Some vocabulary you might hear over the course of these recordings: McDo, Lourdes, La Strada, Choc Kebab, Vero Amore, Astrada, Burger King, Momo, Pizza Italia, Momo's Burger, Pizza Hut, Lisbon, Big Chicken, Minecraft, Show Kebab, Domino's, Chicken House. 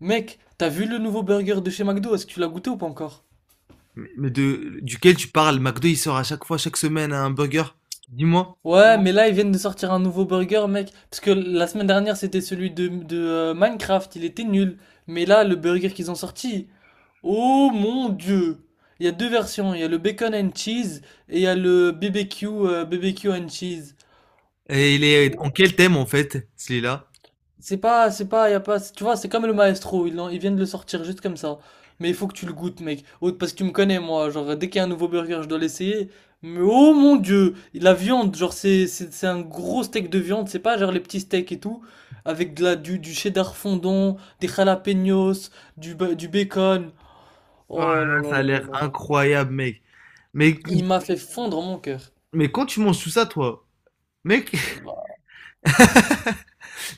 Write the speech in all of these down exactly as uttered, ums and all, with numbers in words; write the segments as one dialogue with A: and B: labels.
A: Mec, t'as vu le nouveau burger de chez McDo? Est-ce que tu l'as goûté ou pas encore?
B: Mais mais de, duquel tu parles? McDo, il sort à chaque fois, chaque semaine, un burger. Dis-moi.
A: Ouais, non, mais là ils viennent de sortir un nouveau burger, mec. Parce que la semaine dernière c'était celui de, de, euh, Minecraft, il était nul. Mais là, le burger qu'ils ont sorti, oh mon dieu! Il y a deux versions, il y a le bacon and cheese et il y a le B B Q, euh, B B Q and cheese.
B: Et il est en quel thème, en fait, celui-là?
A: C'est pas, c'est pas, Y a pas, tu vois, c'est comme le maestro, ils, l'ont- ils viennent de le sortir juste comme ça. Mais il faut que tu le goûtes, mec. Oh, parce que tu me connais, moi, genre, dès qu'il y a un nouveau burger, je dois l'essayer. Mais oh mon dieu, la viande, genre, c'est, c'est, c'est un gros steak de viande, c'est pas genre les petits steaks et tout, avec de la, du, du cheddar fondant, des jalapenos, du, ba- du bacon.
B: Oh là
A: Oh là
B: là,
A: là
B: ça a
A: là là
B: l'air
A: là là.
B: incroyable, mec. Mais,
A: Il m'a fait fondre mon cœur.
B: mais quand tu manges tout ça, toi, mec,
A: Bah,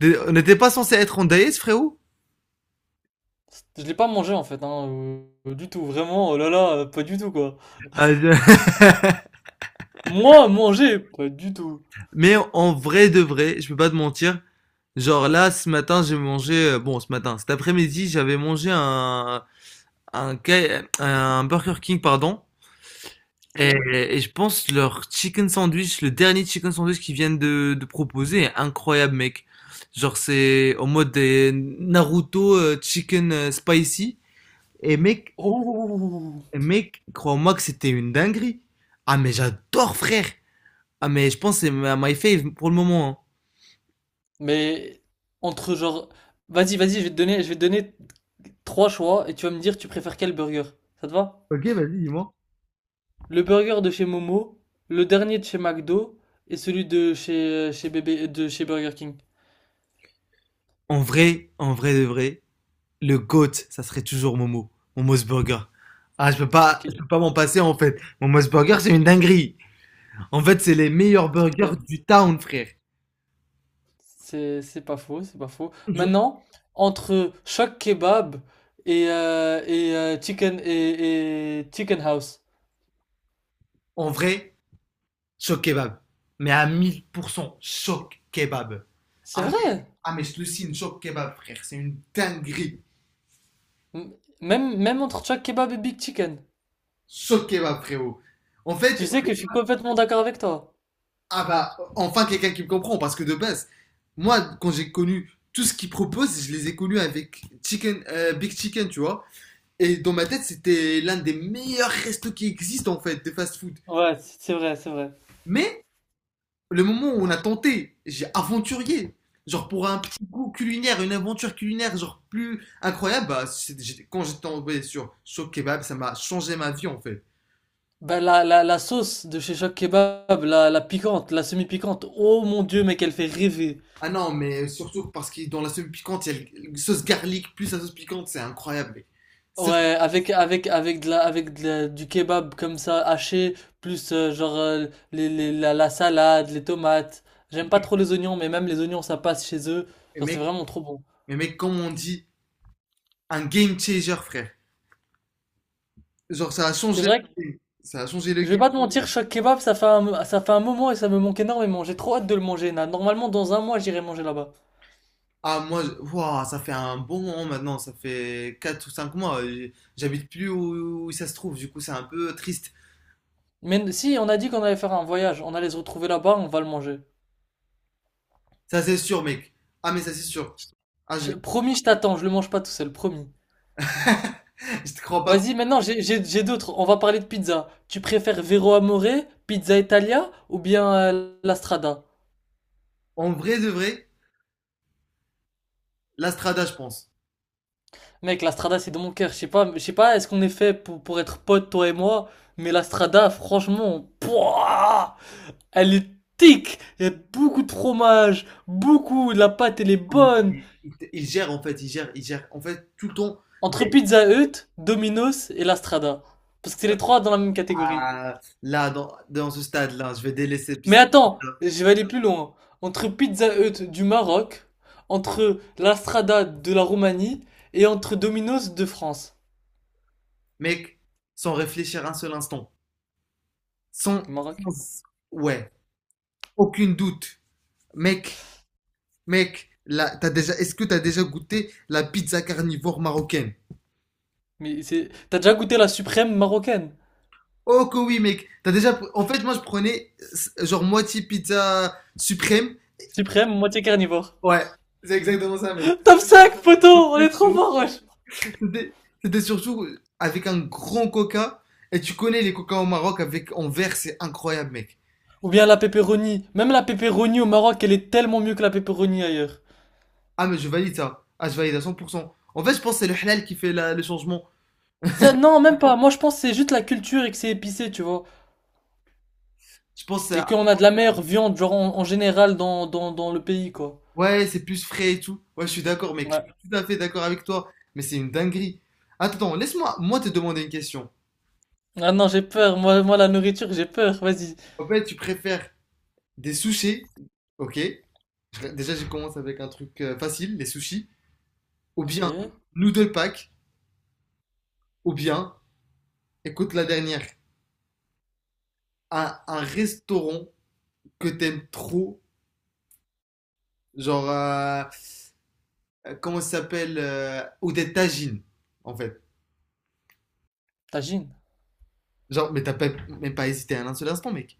B: t'es- on n'était pas censé être en diète, frérot?
A: Je l'ai pas mangé en fait, hein, euh, du tout, vraiment, oh là là, pas du tout quoi.
B: Ah, je-
A: Moi, manger, pas du tout.
B: Mais en vrai de vrai, je peux pas te mentir. Genre là, ce matin, j'ai mangé. euh, Bon, ce matin, cet après-midi, j'avais mangé un, un, K- un Burger King, pardon. Et,
A: OK.
B: et je pense leur chicken sandwich, le dernier chicken sandwich qu'ils viennent de, de proposer est incroyable, mec. Genre, c'est en mode des Naruto euh, chicken euh, spicy. Et mec,
A: Oh!
B: mec, crois-moi que c'était une dinguerie. Ah, mais j'adore, frère. Ah, mais je pense que c'est ma my fave pour le moment.
A: Mais entre genre, vas-y, vas-y, je vais te donner je vais te donner trois choix et tu vas me dire tu préfères quel burger. Ça te va?
B: Hein. Ok, vas-y, dis-moi.
A: Le burger de chez Momo, le dernier de chez McDo et celui de chez chez bébé de chez Burger King.
B: En vrai, en vrai de vrai, le GOAT, ça serait toujours Momo. Momo's Burger. Ah, je peux pas, je
A: OK.
B: peux pas m'en passer en fait. Momo's Burger, c'est une dinguerie. En fait, c'est les meilleurs burgers du town, frère.
A: C'est c'est pas faux, c'est pas faux.
B: Je-
A: Maintenant, entre Choc Kebab et euh, et euh, Chicken et, et Chicken House.
B: En vrai, choc kebab. Mais à mille pour cent, choc kebab.
A: C'est
B: Ah mais,
A: vrai.
B: ah, mais je te le signe, choc kebab, frère. C'est une dinguerie.
A: M- Même même entre Choc Kebab et Big Chicken.
B: Choc kebab, frérot. En
A: Tu
B: fait,
A: sais que je suis complètement d'accord avec toi.
B: ah bah, enfin quelqu'un qui me comprend, parce que de base, moi, quand j'ai connu tout ce qu'ils proposent, je les ai connus avec chicken, euh, Big Chicken, tu vois. Et dans ma tête, c'était l'un des meilleurs restos qui existent, en fait, de fast-food.
A: Ouais, c- c'est vrai, c'est vrai.
B: Mais le moment où on a tenté, j'ai aventurier. Genre pour un petit goût culinaire, une aventure culinaire, genre plus incroyable, bah, j'étais- quand j'étais tombé sur Show Kebab, ça m'a changé ma vie en fait.
A: Bah, la, la, la sauce de chez Choc Kebab, la, la piquante, la semi-piquante, oh mon Dieu, mais qu'elle fait rêver.
B: Ah non, mais surtout parce que dans la sauce piquante, il y a la sauce garlic plus la sauce piquante, c'est incroyable. Mec. Ça, c'est-
A: Ouais, avec, avec, avec, de la, avec de la- du kebab comme ça, haché, plus euh, genre euh, les, les- la, la salade, les tomates. J'aime pas trop les oignons, mais même les oignons, ça passe chez eux.
B: mais,
A: Genre, c'est
B: mec,
A: vraiment trop bon.
B: mais mec, comme on dit, un game changer, frère. Genre ça a
A: C'est
B: changé
A: vrai que,
B: le game. Ça a changé le
A: je vais
B: game.
A: pas te mentir, Choc Kebab, ça fait un, ça fait un moment et ça me manque énormément. J'ai trop hâte de le manger, là. Normalement, dans un mois, j'irai manger là-bas.
B: Ah moi, je- wouah, ça fait un bon moment maintenant, ça fait quatre ou cinq mois. euh, J'habite plus où, où ça se trouve, du coup c'est un peu triste.
A: Mais si, on a dit qu'on allait faire un voyage, on allait se retrouver là-bas, on va le manger.
B: Ça, c'est sûr, mec. Ah, mais ça, c'est sûr. Ah, je...
A: Je- promis, je t'attends, je le mange pas tout seul, promis.
B: je te crois pas trop.
A: Vas-y, maintenant, j'ai, j'ai, j'ai d'autres. On va parler de pizza. Tu préfères Vero Amore, Pizza Italia ou bien euh, La Strada?
B: En vrai de vrai, l'Astrada, je pense.
A: Mec, La Strada, c'est dans mon cœur. Je sais pas, je sais pas, est-ce qu'on est fait pour, pour être potes, toi et moi? Mais La Strada, franchement, pouah, elle est tic. Il y a beaucoup de fromage, beaucoup, la pâte, elle est bonne.
B: Il, il gère, en fait, il gère, il gère. En fait, tout le temps,
A: Entre Pizza Hut, Domino's et La Strada. Parce que c'est les trois dans la même catégorie.
B: ah, là, dans, dans ce stade-là, je vais délaisser puis
A: Mais
B: ça-
A: attends, je vais aller plus loin. Entre Pizza Hut du Maroc, entre La Strada de la Roumanie et entre Domino's de France.
B: Mec, sans réfléchir un seul instant. Sans,
A: Maroc.
B: sans- ouais, aucune doute. Mec, mec, là, t'as déjà, est-ce que t'as déjà goûté la pizza carnivore marocaine?
A: Mais c'est. T'as déjà goûté la suprême marocaine?
B: Oh que oui mec, t'as déjà pr- en fait moi je prenais euh, genre moitié pizza suprême.
A: Suprême, moitié carnivore.
B: Ouais, c'est exactement ça mec.
A: Top cinq, poteau! On est trop fort, wesh!
B: C'était c'était surtout avec un grand coca et tu connais les coca au Maroc avec en verre, c'est incroyable mec.
A: Ou bien la pepperoni. Même la pepperoni au Maroc, elle est tellement mieux que la pepperoni ailleurs.
B: Ah mais je valide ça. Ah je valide à cent pour cent. En fait, je pense que c'est le halal qui fait la- le changement.
A: Ça, non, même pas. Moi, je pense que c'est juste la culture et que c'est épicé, tu vois.
B: Je pense que c'est-
A: Et qu'on a de la meilleure viande, genre, en, en général, dans, dans, dans le pays, quoi.
B: ouais, c'est plus frais et tout. Ouais, je suis d'accord mec, je suis
A: Ouais.
B: tout à fait d'accord avec toi, mais c'est une dinguerie. Attends, laisse-moi moi te demander une question.
A: Ah non, j'ai peur. Moi, moi, la nourriture, j'ai peur. Vas-y.
B: En fait, tu préfères des sushis, OK? Déjà, je commence avec un truc euh, facile, les sushis. Ou
A: Ok.
B: bien noodle pack, ou bien, écoute la dernière, un, un restaurant que t'aimes trop, genre, euh, euh, comment ça s'appelle euh, ou des tagines, en fait.
A: Tagine.
B: Genre, mais t'as pas- même pas hésité un seul instant, mec.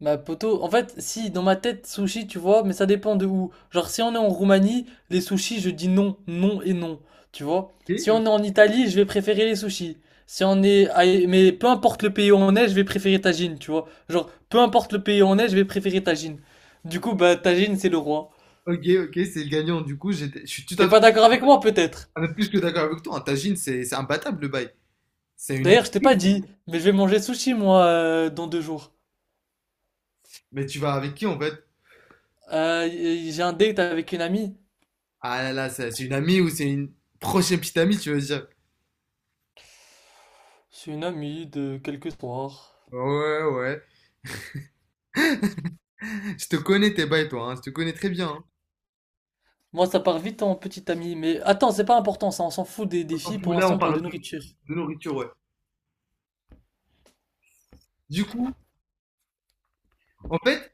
A: Bah, poto, en fait, si, dans ma tête, sushi, tu vois, mais ça dépend de où. Genre, si on est en Roumanie, les sushis, je dis non, non et non. Tu vois?
B: Ok,
A: Si
B: euh,
A: on est en Italie, je vais préférer les sushis. Si on est, à- Mais peu importe le pays où on est, je vais préférer tagine, tu vois. Genre, peu importe le pays où on est, je vais préférer tagine. Du coup, bah, tagine, c'est le roi.
B: ok, ok, c'est le gagnant. Du coup, j'étais- je suis tout
A: T'es
B: à fait
A: pas d'accord avec moi, peut-être?
B: un peu plus que d'accord avec toi. Un tagine, c'est c'est imbattable le bail. C'est une.
A: D'ailleurs, je t'ai pas dit, mais je vais manger sushi, moi, euh, dans deux jours.
B: Mais tu vas avec qui en fait?
A: Euh, j'ai un date avec une amie.
B: Ah là là, c'est c'est une amie ou c'est une prochaine petite amie, tu veux dire?
A: C'est une amie de quelques soirs.
B: Ouais, ouais. Je te connais tes bails, toi, hein. Je te connais très bien. Hein.
A: Moi, ça part vite en petite amie. Mais attends, c'est pas important, ça, on s'en fout des, des
B: On s'en
A: filles. Pour
B: fout, là, on
A: l'instant, on parle de
B: parle de,
A: nourriture.
B: de nourriture, ouais. Du coup, en fait,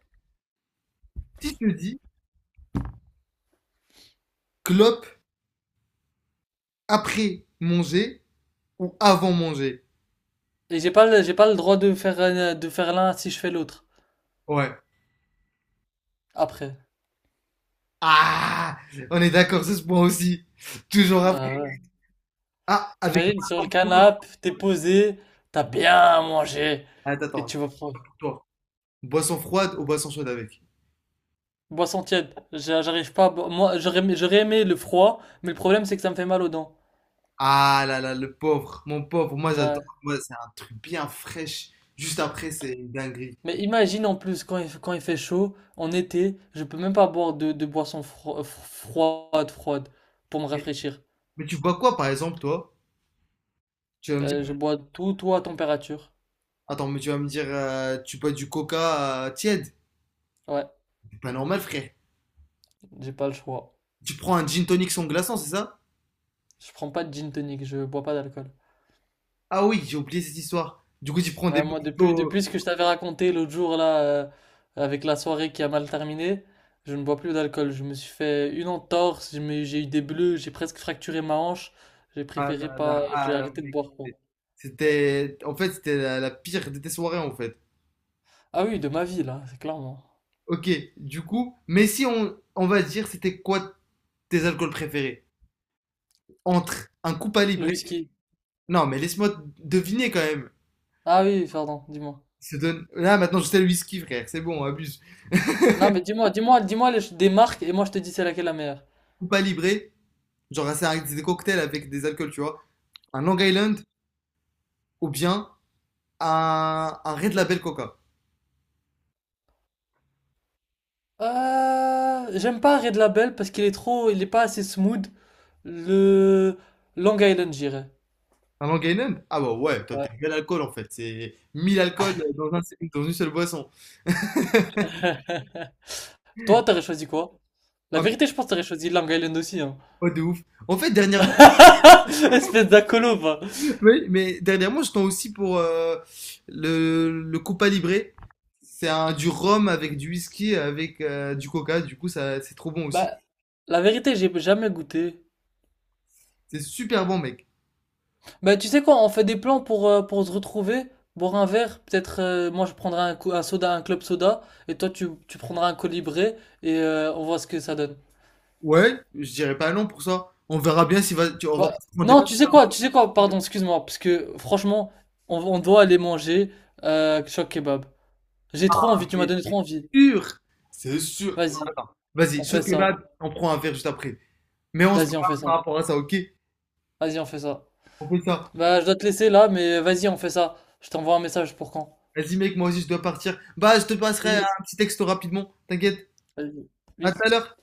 B: si je te dis clope après manger ou avant manger.
A: Et j'ai pas, le- j'ai pas le droit de faire, un- de faire l'un si je fais l'autre.
B: Ouais.
A: Après.
B: Ah, on est d'accord sur ce point aussi. Toujours après.
A: Ah ouais.
B: Ah, avec
A: T'imagines, sur le
B: boisson froide.
A: canapé, t'es posé, t'as bien mangé.
B: Attends,
A: Et
B: attends,
A: tu vas prendre.
B: pour toi. Boisson froide ou boisson chaude avec.
A: Boisson tiède. J'a- J'arrive pas à bo- Moi, j'aurais aimé j'aurais aimé le froid, mais le problème, c'est que ça me fait mal aux dents.
B: Ah là là, le pauvre, mon pauvre. Moi, j'adore.
A: Ouais.
B: Moi, c'est un truc bien fraîche. Juste après, c'est une dinguerie.
A: Mais imagine en plus quand il, quand il fait chaud, en été, je peux même pas boire de, de boissons fro- euh, fro- froides, froides, pour me rafraîchir.
B: Mais tu bois quoi, par exemple, toi? Tu vas me
A: Euh,
B: dire
A: je bois tout, tout à température.
B: attends, mais tu vas me dire, euh, tu bois du coca euh, tiède?
A: Ouais,
B: C'est pas normal, frère.
A: j'ai pas le choix.
B: Tu prends un gin tonic sans glaçon, c'est ça?
A: Je prends pas de gin tonic, je bois pas d'alcool.
B: Ah oui, j'ai oublié cette histoire. Du coup, tu prends des
A: Ouais, moi, depuis,
B: mojitos.
A: depuis ce que je t'avais raconté l'autre jour, là, euh, avec la soirée qui a mal terminé, je ne bois plus d'alcool. Je me suis fait une entorse, je me- j'ai eu des bleus, j'ai presque fracturé ma hanche. J'ai
B: Ah
A: préféré
B: là là,
A: pas, j'ai
B: ah,
A: arrêté de
B: mec,
A: boire, quoi.
B: c'était, c'était- en fait, c'était la, la pire de tes soirées, en fait.
A: Ah oui, de ma vie, là, c'est clairement.
B: Ok, du coup, mais si on, on va dire, c'était quoi tes alcools préférés? Entre un Cuba
A: Le
B: Libre.
A: whisky.
B: Non, mais laisse-moi deviner quand même.
A: Ah oui, pardon, dis-moi.
B: Se donne... Là, maintenant, je sais le whisky, frère. C'est bon, on abuse.
A: Non, mais dis-moi, dis-moi, dis-moi les- des marques et moi je te dis c'est laquelle la meilleure.
B: Cuba Libre, genre, c'est un- des cocktails avec des alcools, tu vois. Un Long Island ou bien un, un Red Label Coca.
A: Euh, j'aime pas Red Label parce qu'il est trop, il est pas assez smooth. Le Long Island, j'irais.
B: Un Long Island? Ah bah ouais, toi t'es
A: Ouais.
B: bel alcool en fait. C'est mille alcools dans, un, dans une seule boisson.
A: Toi, t'aurais choisi quoi? La
B: Ah
A: vérité, je pense que t'aurais choisi Long Island aussi, hein.
B: mais ouais, de ouf. En fait, dernièrement,
A: Espèce d'acolo, va.
B: oui, mais dernièrement, je tends aussi pour euh, le, le Copa Libre. C'est un du rhum avec du whisky, avec euh, du coca. Du coup, ça, c'est trop bon aussi.
A: Bah, la vérité, j'ai jamais goûté.
B: C'est super bon, mec.
A: Bah, tu sais quoi, on fait des plans pour, euh, pour se retrouver, boire un verre, peut-être euh, moi je prendrai un, co- un soda, un club soda, et toi tu, tu prendras un colibré, et euh, on voit ce que ça donne.
B: Ouais, je dirais pas non pour ça. On verra bien si va, tu- on va
A: Bah,
B: prendre
A: non, tu sais quoi, tu sais quoi, pardon, excuse-moi, parce que franchement, on, on doit aller manger euh, choc kebab. J'ai trop envie, tu m'as
B: mais
A: donné
B: c'est
A: trop envie.
B: sûr. C'est sûr.
A: Vas-y,
B: Attends, vas-y,
A: on fait
B: choc
A: ça.
B: kebab, on prend un verre juste après. Mais on se parle
A: Vas-y, on fait ça.
B: par rapport à ça, ok?
A: Vas-y, on fait ça.
B: On fait ça.
A: Bah, je dois te laisser là, mais vas-y, on fait ça. Je t'envoie un message pour quand?
B: Vas-y, mec, moi aussi, je dois partir. Bah, je te passerai
A: Bisous.
B: un petit texto rapidement. T'inquiète.
A: Vas-y.
B: À tout
A: Bisous.
B: à l'heure.